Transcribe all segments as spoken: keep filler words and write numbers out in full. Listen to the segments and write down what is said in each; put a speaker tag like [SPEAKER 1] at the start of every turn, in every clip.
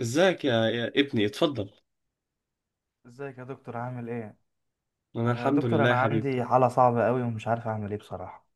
[SPEAKER 1] ازيك يا, يا ابني، اتفضل.
[SPEAKER 2] ازيك يا دكتور؟ عامل ايه؟
[SPEAKER 1] انا
[SPEAKER 2] آه
[SPEAKER 1] الحمد
[SPEAKER 2] دكتور،
[SPEAKER 1] لله
[SPEAKER 2] انا
[SPEAKER 1] يا حبيبي.
[SPEAKER 2] عندي حالة صعبة قوي ومش عارف اعمل ايه بصراحة.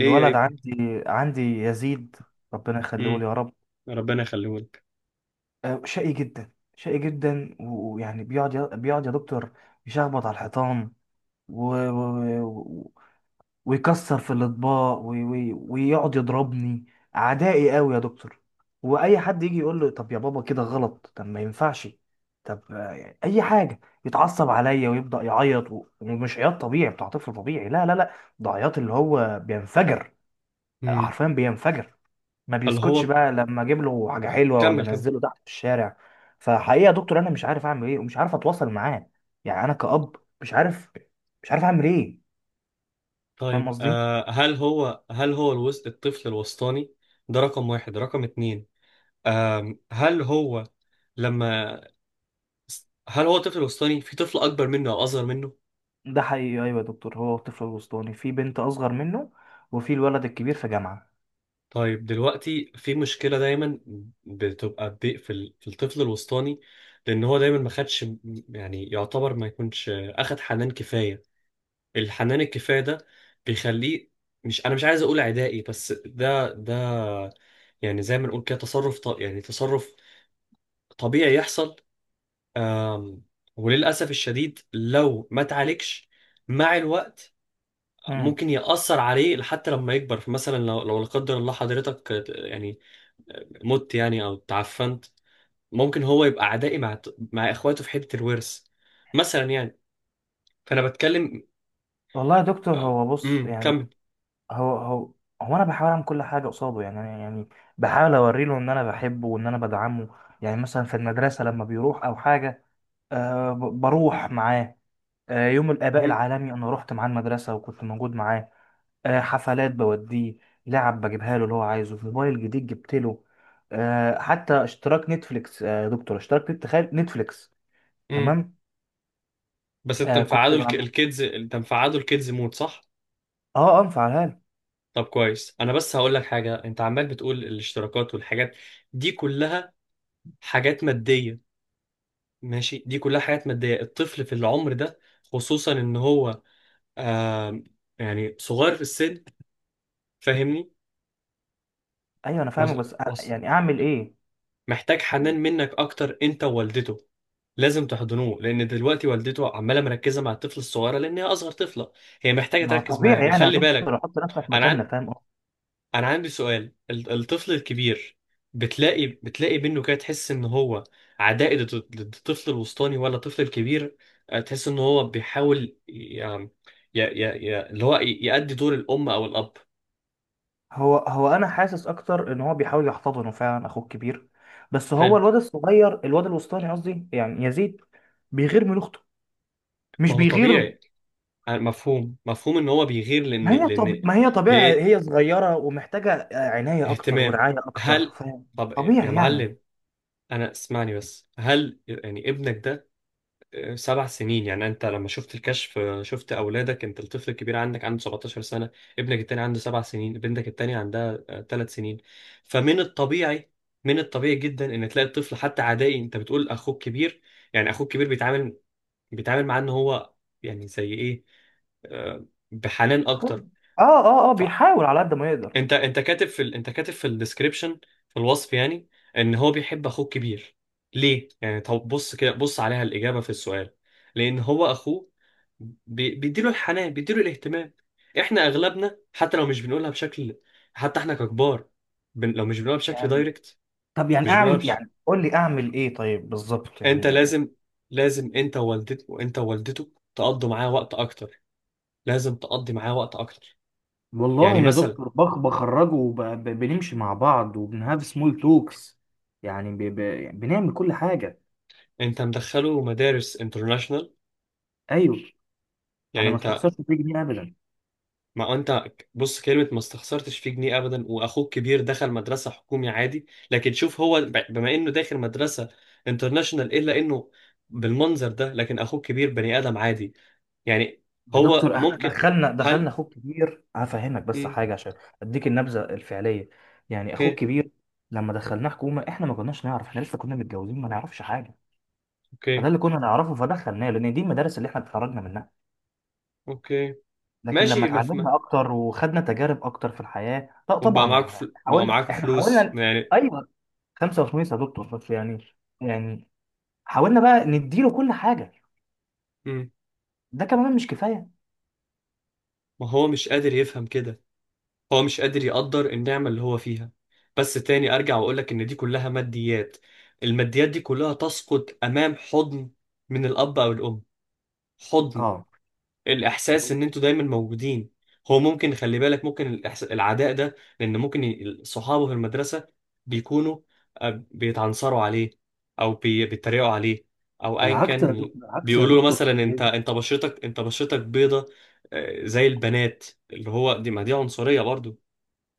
[SPEAKER 1] ايه يا ابني؟
[SPEAKER 2] عندي عندي يزيد، ربنا يخليه لي
[SPEAKER 1] امم
[SPEAKER 2] يا رب.
[SPEAKER 1] ربنا يخليهولك.
[SPEAKER 2] آه شقي جدا شقي جدا و- ويعني بيقعد ي- بيقعد يا دكتور يشخبط على الحيطان، ويعني، ويكسر في الاطباق وي- وي- ويقعد يضربني. عدائي قوي يا دكتور. واي حد يجي يقول له طب يا بابا كده غلط، طب ما ينفعش، طب آه، اي حاجه، يتعصب عليا ويبدا يعيط، و- ومش عياط طبيعي بتاع طفل طبيعي. لا لا لا، ده عياط اللي هو بينفجر،
[SPEAKER 1] امم.
[SPEAKER 2] حرفيا بينفجر. ما
[SPEAKER 1] هل
[SPEAKER 2] بيسكتش
[SPEAKER 1] هو
[SPEAKER 2] بقى لما اجيب له حاجه حلوه ولا
[SPEAKER 1] كمل كمل؟
[SPEAKER 2] انزله تحت في الشارع. فحقيقه يا دكتور، انا مش عارف اعمل ايه ومش عارف اتواصل معاه. يعني انا كأب مش عارف، مش عارف اعمل ايه. فاهم
[SPEAKER 1] طيب،
[SPEAKER 2] قصدي؟
[SPEAKER 1] آه هل هو هل هو الوسط، الطفل الوسطاني ده رقم واحد رقم اتنين؟ آم هل هو، لما، هل هو طفل وسطاني؟ في طفل اكبر منه او اصغر منه؟
[SPEAKER 2] ده حقيقي، ايوه يا دكتور، هو الطفل الوسطاني، في بنت اصغر منه وفي الولد الكبير في جامعه.
[SPEAKER 1] طيب دلوقتي في مشكلة دايما بتبقى ب- في ال- في الطفل الوسطاني، لان هو دايما ما خدش، يعني يعتبر ما يكونش اخد حنان كفاية. الحنان الكفايه ده بيخليه، مش انا مش عايز اقول عدائي، بس ده ده، يعني زي ما نقول كده تصرف ط... يعني تصرف طبيعي يحصل. آم... وللاسف الشديد لو ما اتعالجش مع الوقت،
[SPEAKER 2] امم
[SPEAKER 1] ممكن يأثر عليه حتى لما يكبر. فمثلا لو لو لا قدر الله حضرتك، آه، يعني مت، يعني او تعفنت، ممكن هو يبقى عدائي مع مع اخواته في حته الورث مثلا، يعني. فانا بتكلم.
[SPEAKER 2] والله يا دكتور، هو بص
[SPEAKER 1] امم
[SPEAKER 2] يعني،
[SPEAKER 1] كمل.
[SPEAKER 2] هو هو هو انا بحاول اعمل كل حاجه قصاده. يعني أنا يعني بحاول اوري له ان انا بحبه وان انا بدعمه. يعني مثلا في المدرسه لما بيروح او حاجه، أه ب- بروح معاه. أه يوم الاباء العالمي انا رحت معاه المدرسه وكنت موجود معاه. أه حفلات بوديه، لعب بجيبها له اللي هو عايزه، موبايل جديد جبت له. أه حتى اشتراك نتفليكس، آه، يا دكتور، اشتراك نت- تخيل، نتفليكس.
[SPEAKER 1] مم.
[SPEAKER 2] تمام.
[SPEAKER 1] بس انت
[SPEAKER 2] آه كنت
[SPEAKER 1] مفعله الك...
[SPEAKER 2] بعمل،
[SPEAKER 1] الكيدز انت مفعله الكيدز مود، صح؟
[SPEAKER 2] اه اه مفعلها له.
[SPEAKER 1] طب كويس، انا بس هقول لك حاجه. انت عمال بتقول الاشتراكات والحاجات دي كلها حاجات ماديه. ماشي، دي كلها حاجات ماديه. الطفل في العمر ده، خصوصا ان هو، آه يعني صغير في السن، فاهمني؟
[SPEAKER 2] ايوه انا فاهمك،
[SPEAKER 1] مز-
[SPEAKER 2] بس أ-
[SPEAKER 1] وص-
[SPEAKER 2] يعني اعمل ايه؟
[SPEAKER 1] محتاج حنان منك اكتر، انت ووالدته. لازم تحضنوه، لان دلوقتي والدته عماله مركزه مع الطفل الصغيره لان هي اصغر طفله. هي محتاجه
[SPEAKER 2] ما
[SPEAKER 1] تركز معاه،
[SPEAKER 2] طبيعي يعني يا
[SPEAKER 1] وخلي
[SPEAKER 2] دكتور،
[SPEAKER 1] بالك.
[SPEAKER 2] احط نفسك مكاننا،
[SPEAKER 1] انا
[SPEAKER 2] فاهم قصدي؟
[SPEAKER 1] انا عندي سؤال. ال- الطفل الكبير، بتلاقي بتلاقي منه كده تحس ان هو عدائي، ضد ضد الطفل الوسطاني ولا الطفل الكبير؟ آه، تحس ان هو بيحاول، ي- ي- ي- ي- اللي هو ي- يأدي دور الام او الاب.
[SPEAKER 2] هو هو انا حاسس اكتر ان هو بيحاول يحتضنه فعلا اخوه الكبير. بس هو
[SPEAKER 1] حلو.
[SPEAKER 2] الواد الصغير، الواد الوسطاني قصدي، يعني يزيد، بيغير من اخته. مش
[SPEAKER 1] ما هو
[SPEAKER 2] بيغير،
[SPEAKER 1] طبيعي. آه، مفهوم مفهوم ان هو بيغير، لان
[SPEAKER 2] ما هي طب...
[SPEAKER 1] لان
[SPEAKER 2] ما هي طبيعي،
[SPEAKER 1] لان
[SPEAKER 2] هي صغيره ومحتاجه آه، عنايه اكتر
[SPEAKER 1] اهتمام.
[SPEAKER 2] ورعايه اكتر،
[SPEAKER 1] هل،
[SPEAKER 2] فاهم؟
[SPEAKER 1] طب يا
[SPEAKER 2] طبيعي يعني.
[SPEAKER 1] معلم، انا اسمعني بس. هل يعني ابنك ده سبع سنين؟ يعني انت لما شفت الكشف، شفت اولادك، انت الطفل الكبير عندك عنده سبعتاشر سنه، ابنك التاني عنده سبع سنين، بنتك التانيه عندها ثلاث سنين. فمن الطبيعي، من الطبيعي جدا ان تلاقي الطفل حتى عدائي. انت بتقول اخوك كبير، يعني اخوك كبير بيتعامل بيتعامل معاه ان هو، يعني زي ايه، آه، بحنان
[SPEAKER 2] اخوه،
[SPEAKER 1] اكتر.
[SPEAKER 2] اه اه اه بيحاول على قد ما يقدر.
[SPEAKER 1] انت انت كاتب في ال... انت كاتب في الديسكريبشن، في الوصف يعني، ان هو بيحب اخوه الكبير. ليه؟ يعني طب بص كده، بص عليها الاجابه في السؤال. لان هو اخوه بي... بيديله الحنان، بيديله الاهتمام. احنا اغلبنا حتى لو مش بنقولها بشكل، حتى احنا ككبار، بن... لو مش بنقولها بشكل
[SPEAKER 2] يعني
[SPEAKER 1] دايركت،
[SPEAKER 2] طب يعني
[SPEAKER 1] مش بنقولها
[SPEAKER 2] اعمل،
[SPEAKER 1] بش...
[SPEAKER 2] يعني قول لي اعمل ايه طيب بالظبط
[SPEAKER 1] انت
[SPEAKER 2] يعني.
[SPEAKER 1] لازم، لازم انت ووالدته، وانت ووالدته تقضوا معاه وقت اكتر. لازم تقضي معاه وقت اكتر. يعني
[SPEAKER 2] والله يا
[SPEAKER 1] مثلا
[SPEAKER 2] دكتور، بخ بخرجه وبنمشي مع بعض وبنهاف سمول توكس، يعني ب... ب... بنعمل كل حاجة.
[SPEAKER 1] انت مدخله مدارس انترناشونال
[SPEAKER 2] أيوه. أنا ما
[SPEAKER 1] يعني.
[SPEAKER 2] استخسرش فيه جنيه أبدا.
[SPEAKER 1] ما انت، بص، كلمة ما استخسرتش فيه جنيه ابدا، واخوك كبير دخل مدرسة حكومي عادي. لكن شوف هو ب- بما انه داخل مدرسة انترناشونال، الا انه بالمنظر ده، لكن اخوك كبير بني ادم عادي يعني.
[SPEAKER 2] يا
[SPEAKER 1] هو
[SPEAKER 2] دكتور، أح...
[SPEAKER 1] ممكن،
[SPEAKER 2] دخلنا دخلنا
[SPEAKER 1] هل،
[SPEAKER 2] اخوك كبير هفهمك بس
[SPEAKER 1] مم،
[SPEAKER 2] حاجه عشان اديك النبذه الفعليه. يعني
[SPEAKER 1] اوكي،
[SPEAKER 2] اخوك كبير لما دخلناه حكومه، احنا ما كناش نعرف، احنا لسه كنا متجوزين، ما نعرفش حاجه. فده
[SPEAKER 1] اوكي،
[SPEAKER 2] اللي كنا نعرفه، فدخلناه لان دي المدارس اللي احنا اتخرجنا منها.
[SPEAKER 1] اوكي،
[SPEAKER 2] لكن لما
[SPEAKER 1] ماشي مفهوم.
[SPEAKER 2] اتعلمنا اكتر وخدنا تجارب اكتر في الحياه، لا
[SPEAKER 1] وبقى
[SPEAKER 2] طبعا
[SPEAKER 1] معاك
[SPEAKER 2] يعني
[SPEAKER 1] فل... بقى
[SPEAKER 2] حاولنا،
[SPEAKER 1] معاك
[SPEAKER 2] احنا
[SPEAKER 1] فلوس
[SPEAKER 2] حاولنا.
[SPEAKER 1] يعني.
[SPEAKER 2] ايوه، خمسة وثمانين يا دكتور، بس يعني يعني، حاولنا بقى نديله كل حاجه.
[SPEAKER 1] مم.
[SPEAKER 2] ده كمان مش كفايه.
[SPEAKER 1] ما هو مش قادر يفهم كده. هو مش قادر يقدر النعمة اللي هو فيها. بس تاني أرجع وأقولك إن دي كلها ماديات. الماديات دي كلها تسقط أمام حضن من الأب أو الأم، حضن،
[SPEAKER 2] اه.
[SPEAKER 1] الإحساس إن أنتوا دايما موجودين. هو ممكن، خلي بالك، ممكن الإحس... العداء ده لأن ممكن ي- صحابه في المدرسة بيكونوا، آه، بيتعنصروا عليه، أو بي... بيتريقوا عليه، أو أيا
[SPEAKER 2] بالعكس
[SPEAKER 1] كان
[SPEAKER 2] يا
[SPEAKER 1] من
[SPEAKER 2] دك-
[SPEAKER 1] ال...
[SPEAKER 2] بالعكس يا
[SPEAKER 1] بيقولوا له مثلا
[SPEAKER 2] دكتور، هي-
[SPEAKER 1] أنت
[SPEAKER 2] دي-
[SPEAKER 1] أنت بشرتك، أنت بشرتك بيضة، آه، زي البنات، اللي هو دي، ما دي عنصرية برضو.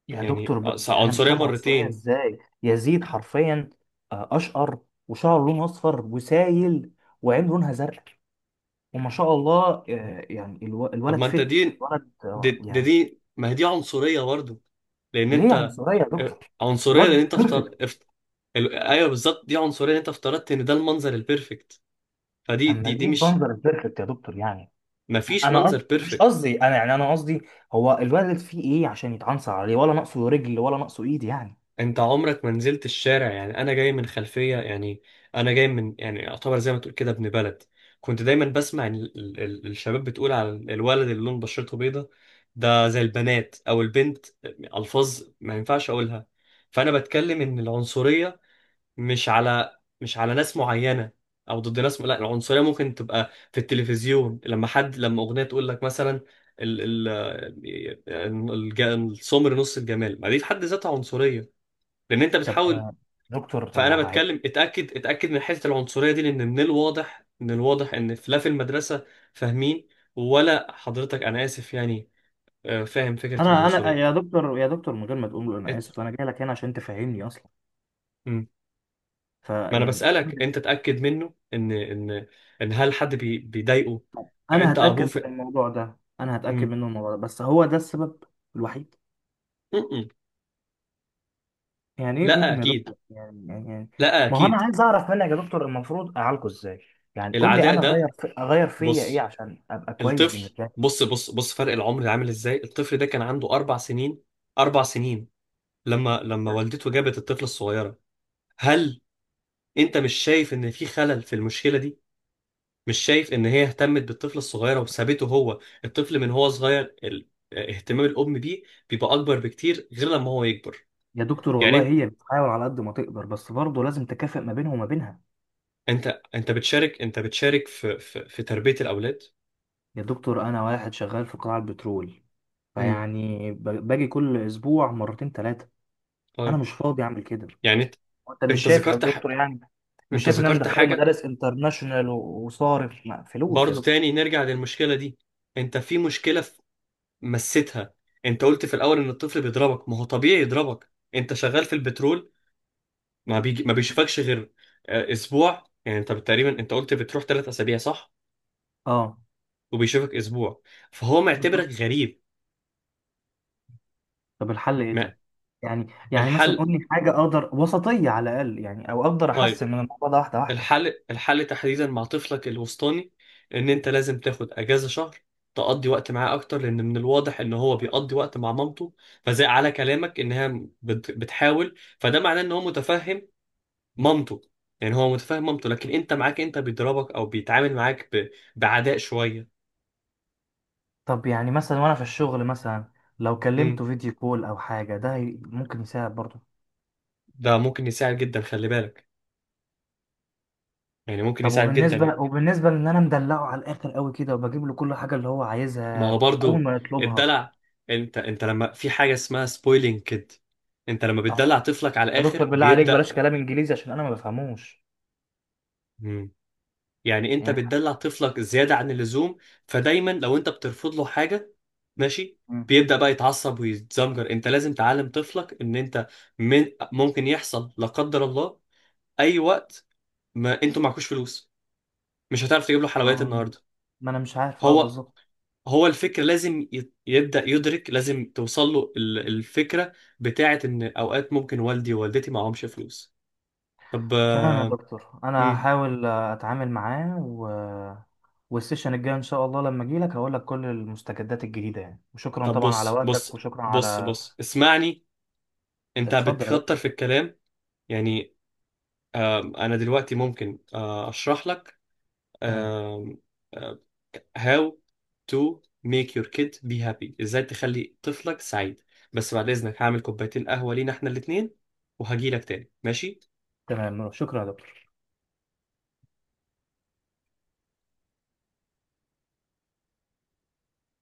[SPEAKER 2] يا
[SPEAKER 1] يعني
[SPEAKER 2] دكتور،
[SPEAKER 1] أص-
[SPEAKER 2] ب... انا مش
[SPEAKER 1] عنصرية
[SPEAKER 2] فاهم عنصريه
[SPEAKER 1] مرتين.
[SPEAKER 2] ازاي، يزيد حرفيا آه، اشقر، وشعره لونه اصفر وسايل، وعين لونها زرق، وما شاء الله. آه، يعني الو...
[SPEAKER 1] طب
[SPEAKER 2] الولد
[SPEAKER 1] ما انت
[SPEAKER 2] فت
[SPEAKER 1] دي،
[SPEAKER 2] ولد، آه،
[SPEAKER 1] دي دي,
[SPEAKER 2] يعني.
[SPEAKER 1] دي ما هي دي عنصرية برضو، لان انت،
[SPEAKER 2] ليه عنصريه يا
[SPEAKER 1] آه،
[SPEAKER 2] دكتور؟
[SPEAKER 1] عنصرية لان
[SPEAKER 2] الواد
[SPEAKER 1] انت افتر...
[SPEAKER 2] بيرفكت.
[SPEAKER 1] افت... ال- ايوه، بالظبط، دي عنصرية لان انت افترضت ان ده المنظر البيرفكت. فدي
[SPEAKER 2] اما
[SPEAKER 1] دي دي
[SPEAKER 2] ايه
[SPEAKER 1] مش،
[SPEAKER 2] منظر البيرفكت يا دكتور يعني؟
[SPEAKER 1] ما فيش
[SPEAKER 2] انا قصدي
[SPEAKER 1] منظر
[SPEAKER 2] مش
[SPEAKER 1] بيرفكت.
[SPEAKER 2] قصدي، انا يعني، انا قصدي هو الولد فيه ايه عشان يتعنصر عليه؟ ولا ناقصه رجل ولا ناقصه ايد يعني.
[SPEAKER 1] انت عمرك ما نزلت الشارع، يعني انا جاي من خلفيه يعني، انا جاي من، يعني اعتبر زي ما تقول كده ابن بلد. كنت دايما بسمع إن ال- ال- الشباب بتقول على الولد اللي لون بشرته بيضه ده زي البنات او البنت، الفاظ ما ينفعش اقولها. فانا بتكلم ان العنصريه مش على، مش على ناس معينه، او ضد ناس. لا، العنصريه ممكن تبقى في التلفزيون، لما حد لما اغنيه تقول لك مثلا، ال ال الج- السمر نص الجمال. ما دي في حد ذاتها عنصريه، لان انت
[SPEAKER 2] طب
[SPEAKER 1] بتحاول.
[SPEAKER 2] يا دكتور، طب ما
[SPEAKER 1] فانا
[SPEAKER 2] هو هيبقى،
[SPEAKER 1] بتكلم، اتاكد، اتاكد من حته العنصريه دي، لان من الواضح، من الواضح ان في- لا، في المدرسه، فاهمين، ولا حضرتك؟ انا اسف يعني. آه، فاهم فكره
[SPEAKER 2] انا انا
[SPEAKER 1] العنصريه.
[SPEAKER 2] يا دكتور يا دكتور من غير ما تقول له انا
[SPEAKER 1] ات...
[SPEAKER 2] اسف، انا جاي لك هنا عشان تفهمني اصلا.
[SPEAKER 1] مم. ما انا
[SPEAKER 2] فيعني
[SPEAKER 1] بسالك، انت اتاكد منه، ان ان ان هل حد بي... بيضايقه؟
[SPEAKER 2] انا
[SPEAKER 1] انت
[SPEAKER 2] هتاكد
[SPEAKER 1] ابوه في...
[SPEAKER 2] من الموضوع ده، انا هتاكد
[SPEAKER 1] مم.
[SPEAKER 2] منه الموضوع ده، بس هو ده السبب الوحيد؟
[SPEAKER 1] مم.
[SPEAKER 2] يعني ايه
[SPEAKER 1] لا
[SPEAKER 2] م- م يا
[SPEAKER 1] اكيد،
[SPEAKER 2] دكتور يعني يعني يعني-
[SPEAKER 1] لا
[SPEAKER 2] ما هو انا
[SPEAKER 1] اكيد.
[SPEAKER 2] عايز اعرف منك يا دكتور، المفروض اعالجه ازاي؟ يعني قول لي
[SPEAKER 1] العداء
[SPEAKER 2] انا اغير
[SPEAKER 1] ده،
[SPEAKER 2] في، اغير فيا ايه
[SPEAKER 1] بص،
[SPEAKER 2] عشان ابقى كويس
[SPEAKER 1] الطفل،
[SPEAKER 2] بالنسبه لي.
[SPEAKER 1] بص بص بص، فرق العمر ده عامل ازاي؟ الطفل ده كان عنده اربع سنين، اربع سنين لما لما والدته جابت الطفلة الصغيرة. هل انت مش شايف ان في خلل في المشكلة دي؟ مش شايف ان هي اهتمت بالطفل الصغيرة وسابته هو؟ الطفل من هو صغير، ال... اهتمام الام بيه بيبقى اكبر بكتير غير لما هو يكبر.
[SPEAKER 2] يا دكتور والله
[SPEAKER 1] يعني
[SPEAKER 2] هي بتحاول على قد ما تقدر، بس برضه لازم تكافئ ما بينه وما بينها.
[SPEAKER 1] انت انت بتشارك، انت بتشارك في في, في تربية الاولاد؟
[SPEAKER 2] يا دكتور، انا واحد شغال في قطاع البترول،
[SPEAKER 1] امم،
[SPEAKER 2] فيعني ب- باجي كل اسبوع مرتين ثلاثه. انا
[SPEAKER 1] طيب،
[SPEAKER 2] مش فاضي اعمل كده.
[SPEAKER 1] يعني انت،
[SPEAKER 2] انت مش
[SPEAKER 1] انت
[SPEAKER 2] شايف يا
[SPEAKER 1] ذكرت ح...
[SPEAKER 2] دكتور يعني؟ مش
[SPEAKER 1] انت
[SPEAKER 2] شايف ان انا
[SPEAKER 1] ذكرت
[SPEAKER 2] مدخله
[SPEAKER 1] حاجة.
[SPEAKER 2] مدارس انترناشونال و- وصارف ما- فلوس يا
[SPEAKER 1] برضو
[SPEAKER 2] دكتور؟
[SPEAKER 1] تاني نرجع للمشكلة دي. انت في مشكلة مسيتها. انت قلت في الاول ان الطفل بيضربك. ما هو طبيعي يضربك، انت شغال في البترول، ما بيجي ما بيشوفكش غير، آه، اسبوع. يعني انت تقريبا، انت قلت بتروح ثلاث اسابيع، صح؟
[SPEAKER 2] اه
[SPEAKER 1] وبيشوفك اسبوع، فهو معتبرك
[SPEAKER 2] بالظبط.
[SPEAKER 1] غريب.
[SPEAKER 2] طب الحل ايه
[SPEAKER 1] ما
[SPEAKER 2] طيب؟ يعني يعني مثلا
[SPEAKER 1] الحل
[SPEAKER 2] قول لي حاجه اقدر وسطيه على الاقل، يعني او اقدر
[SPEAKER 1] طيب؟
[SPEAKER 2] احسن من الموضوع ده واحده واحده.
[SPEAKER 1] الحل، الحل تحديدا مع طفلك الوسطاني، ان انت لازم تاخد اجازة شهر، تقضي وقت معاه اكتر، لان من الواضح ان هو بيقضي وقت مع مامته. فزي على كلامك انها بت- بتحاول، فده معناه ان هو متفهم مامته، يعني هو متفاهم مامته. لكن انت معاك انت بيضربك او بيتعامل معاك ب... بعداء شويه.
[SPEAKER 2] طب يعني مثلا وانا في الشغل مثلا، لو
[SPEAKER 1] امم،
[SPEAKER 2] كلمته فيديو كول او حاجه ده هي- ممكن يساعد برضه؟
[SPEAKER 1] ده ممكن يساعد جدا، خلي بالك، يعني ممكن
[SPEAKER 2] طب
[SPEAKER 1] يساعد جدا.
[SPEAKER 2] وبالنسبه، وبالنسبه لان انا مدلعه على الاخر قوي كده، وبجيب له كل حاجه اللي هو
[SPEAKER 1] ما هو
[SPEAKER 2] عايزها اول
[SPEAKER 1] برضو
[SPEAKER 2] ما يطلبها.
[SPEAKER 1] الدلع، انت انت لما في حاجه اسمها سبويلينج كده، انت لما بتدلع
[SPEAKER 2] اه
[SPEAKER 1] طفلك على
[SPEAKER 2] يا
[SPEAKER 1] الاخر
[SPEAKER 2] دكتور بالله عليك،
[SPEAKER 1] بيبدا.
[SPEAKER 2] بلاش كلام انجليزي عشان انا ما بفهموش.
[SPEAKER 1] مم. يعني انت
[SPEAKER 2] يعني.
[SPEAKER 1] بتدلع طفلك زياده عن اللزوم، فدايما لو انت بترفض له حاجه، ماشي،
[SPEAKER 2] مم.
[SPEAKER 1] بيبدأ بقى يتعصب ويتزمجر. انت لازم تعلم طفلك ان انت، من، ممكن يحصل لا قدر الله اي وقت، ما انتوا معكوش فلوس، مش هتعرف تجيب له حلويات
[SPEAKER 2] آه.
[SPEAKER 1] النهارده.
[SPEAKER 2] ما انا مش عارف اه
[SPEAKER 1] هو
[SPEAKER 2] بالظبط.
[SPEAKER 1] هو الفكر لازم ي- يبدأ يدرك. لازم توصل له ال- الفكرة بتاعة ان اوقات ممكن والدي ووالدتي معهمش فلوس. طب،
[SPEAKER 2] تمام يا دكتور، انا
[SPEAKER 1] امم
[SPEAKER 2] هحاول آه، اتعامل معاه و... والسيشن الجاي ان شاء الله لما اجي لك هقول لك كل المستجدات الجديده يعني، وشكرا
[SPEAKER 1] طب
[SPEAKER 2] طبعا على
[SPEAKER 1] بص، بص
[SPEAKER 2] وقتك، وشكرا
[SPEAKER 1] بص
[SPEAKER 2] على.
[SPEAKER 1] بص، اسمعني. انت
[SPEAKER 2] اتفضل يا دكتور.
[SPEAKER 1] بتكتر في الكلام يعني، آم، انا دلوقتي ممكن، آه، اشرح لك
[SPEAKER 2] مم.
[SPEAKER 1] آم، آم، how to make your kid be happy. ازاي تخلي طفلك سعيد؟ بس بعد اذنك، هعمل كوبايتين قهوة لينا احنا الاتنين، وهجيلك تاني، ماشي.
[SPEAKER 2] تمام، شكرا يا دكتور.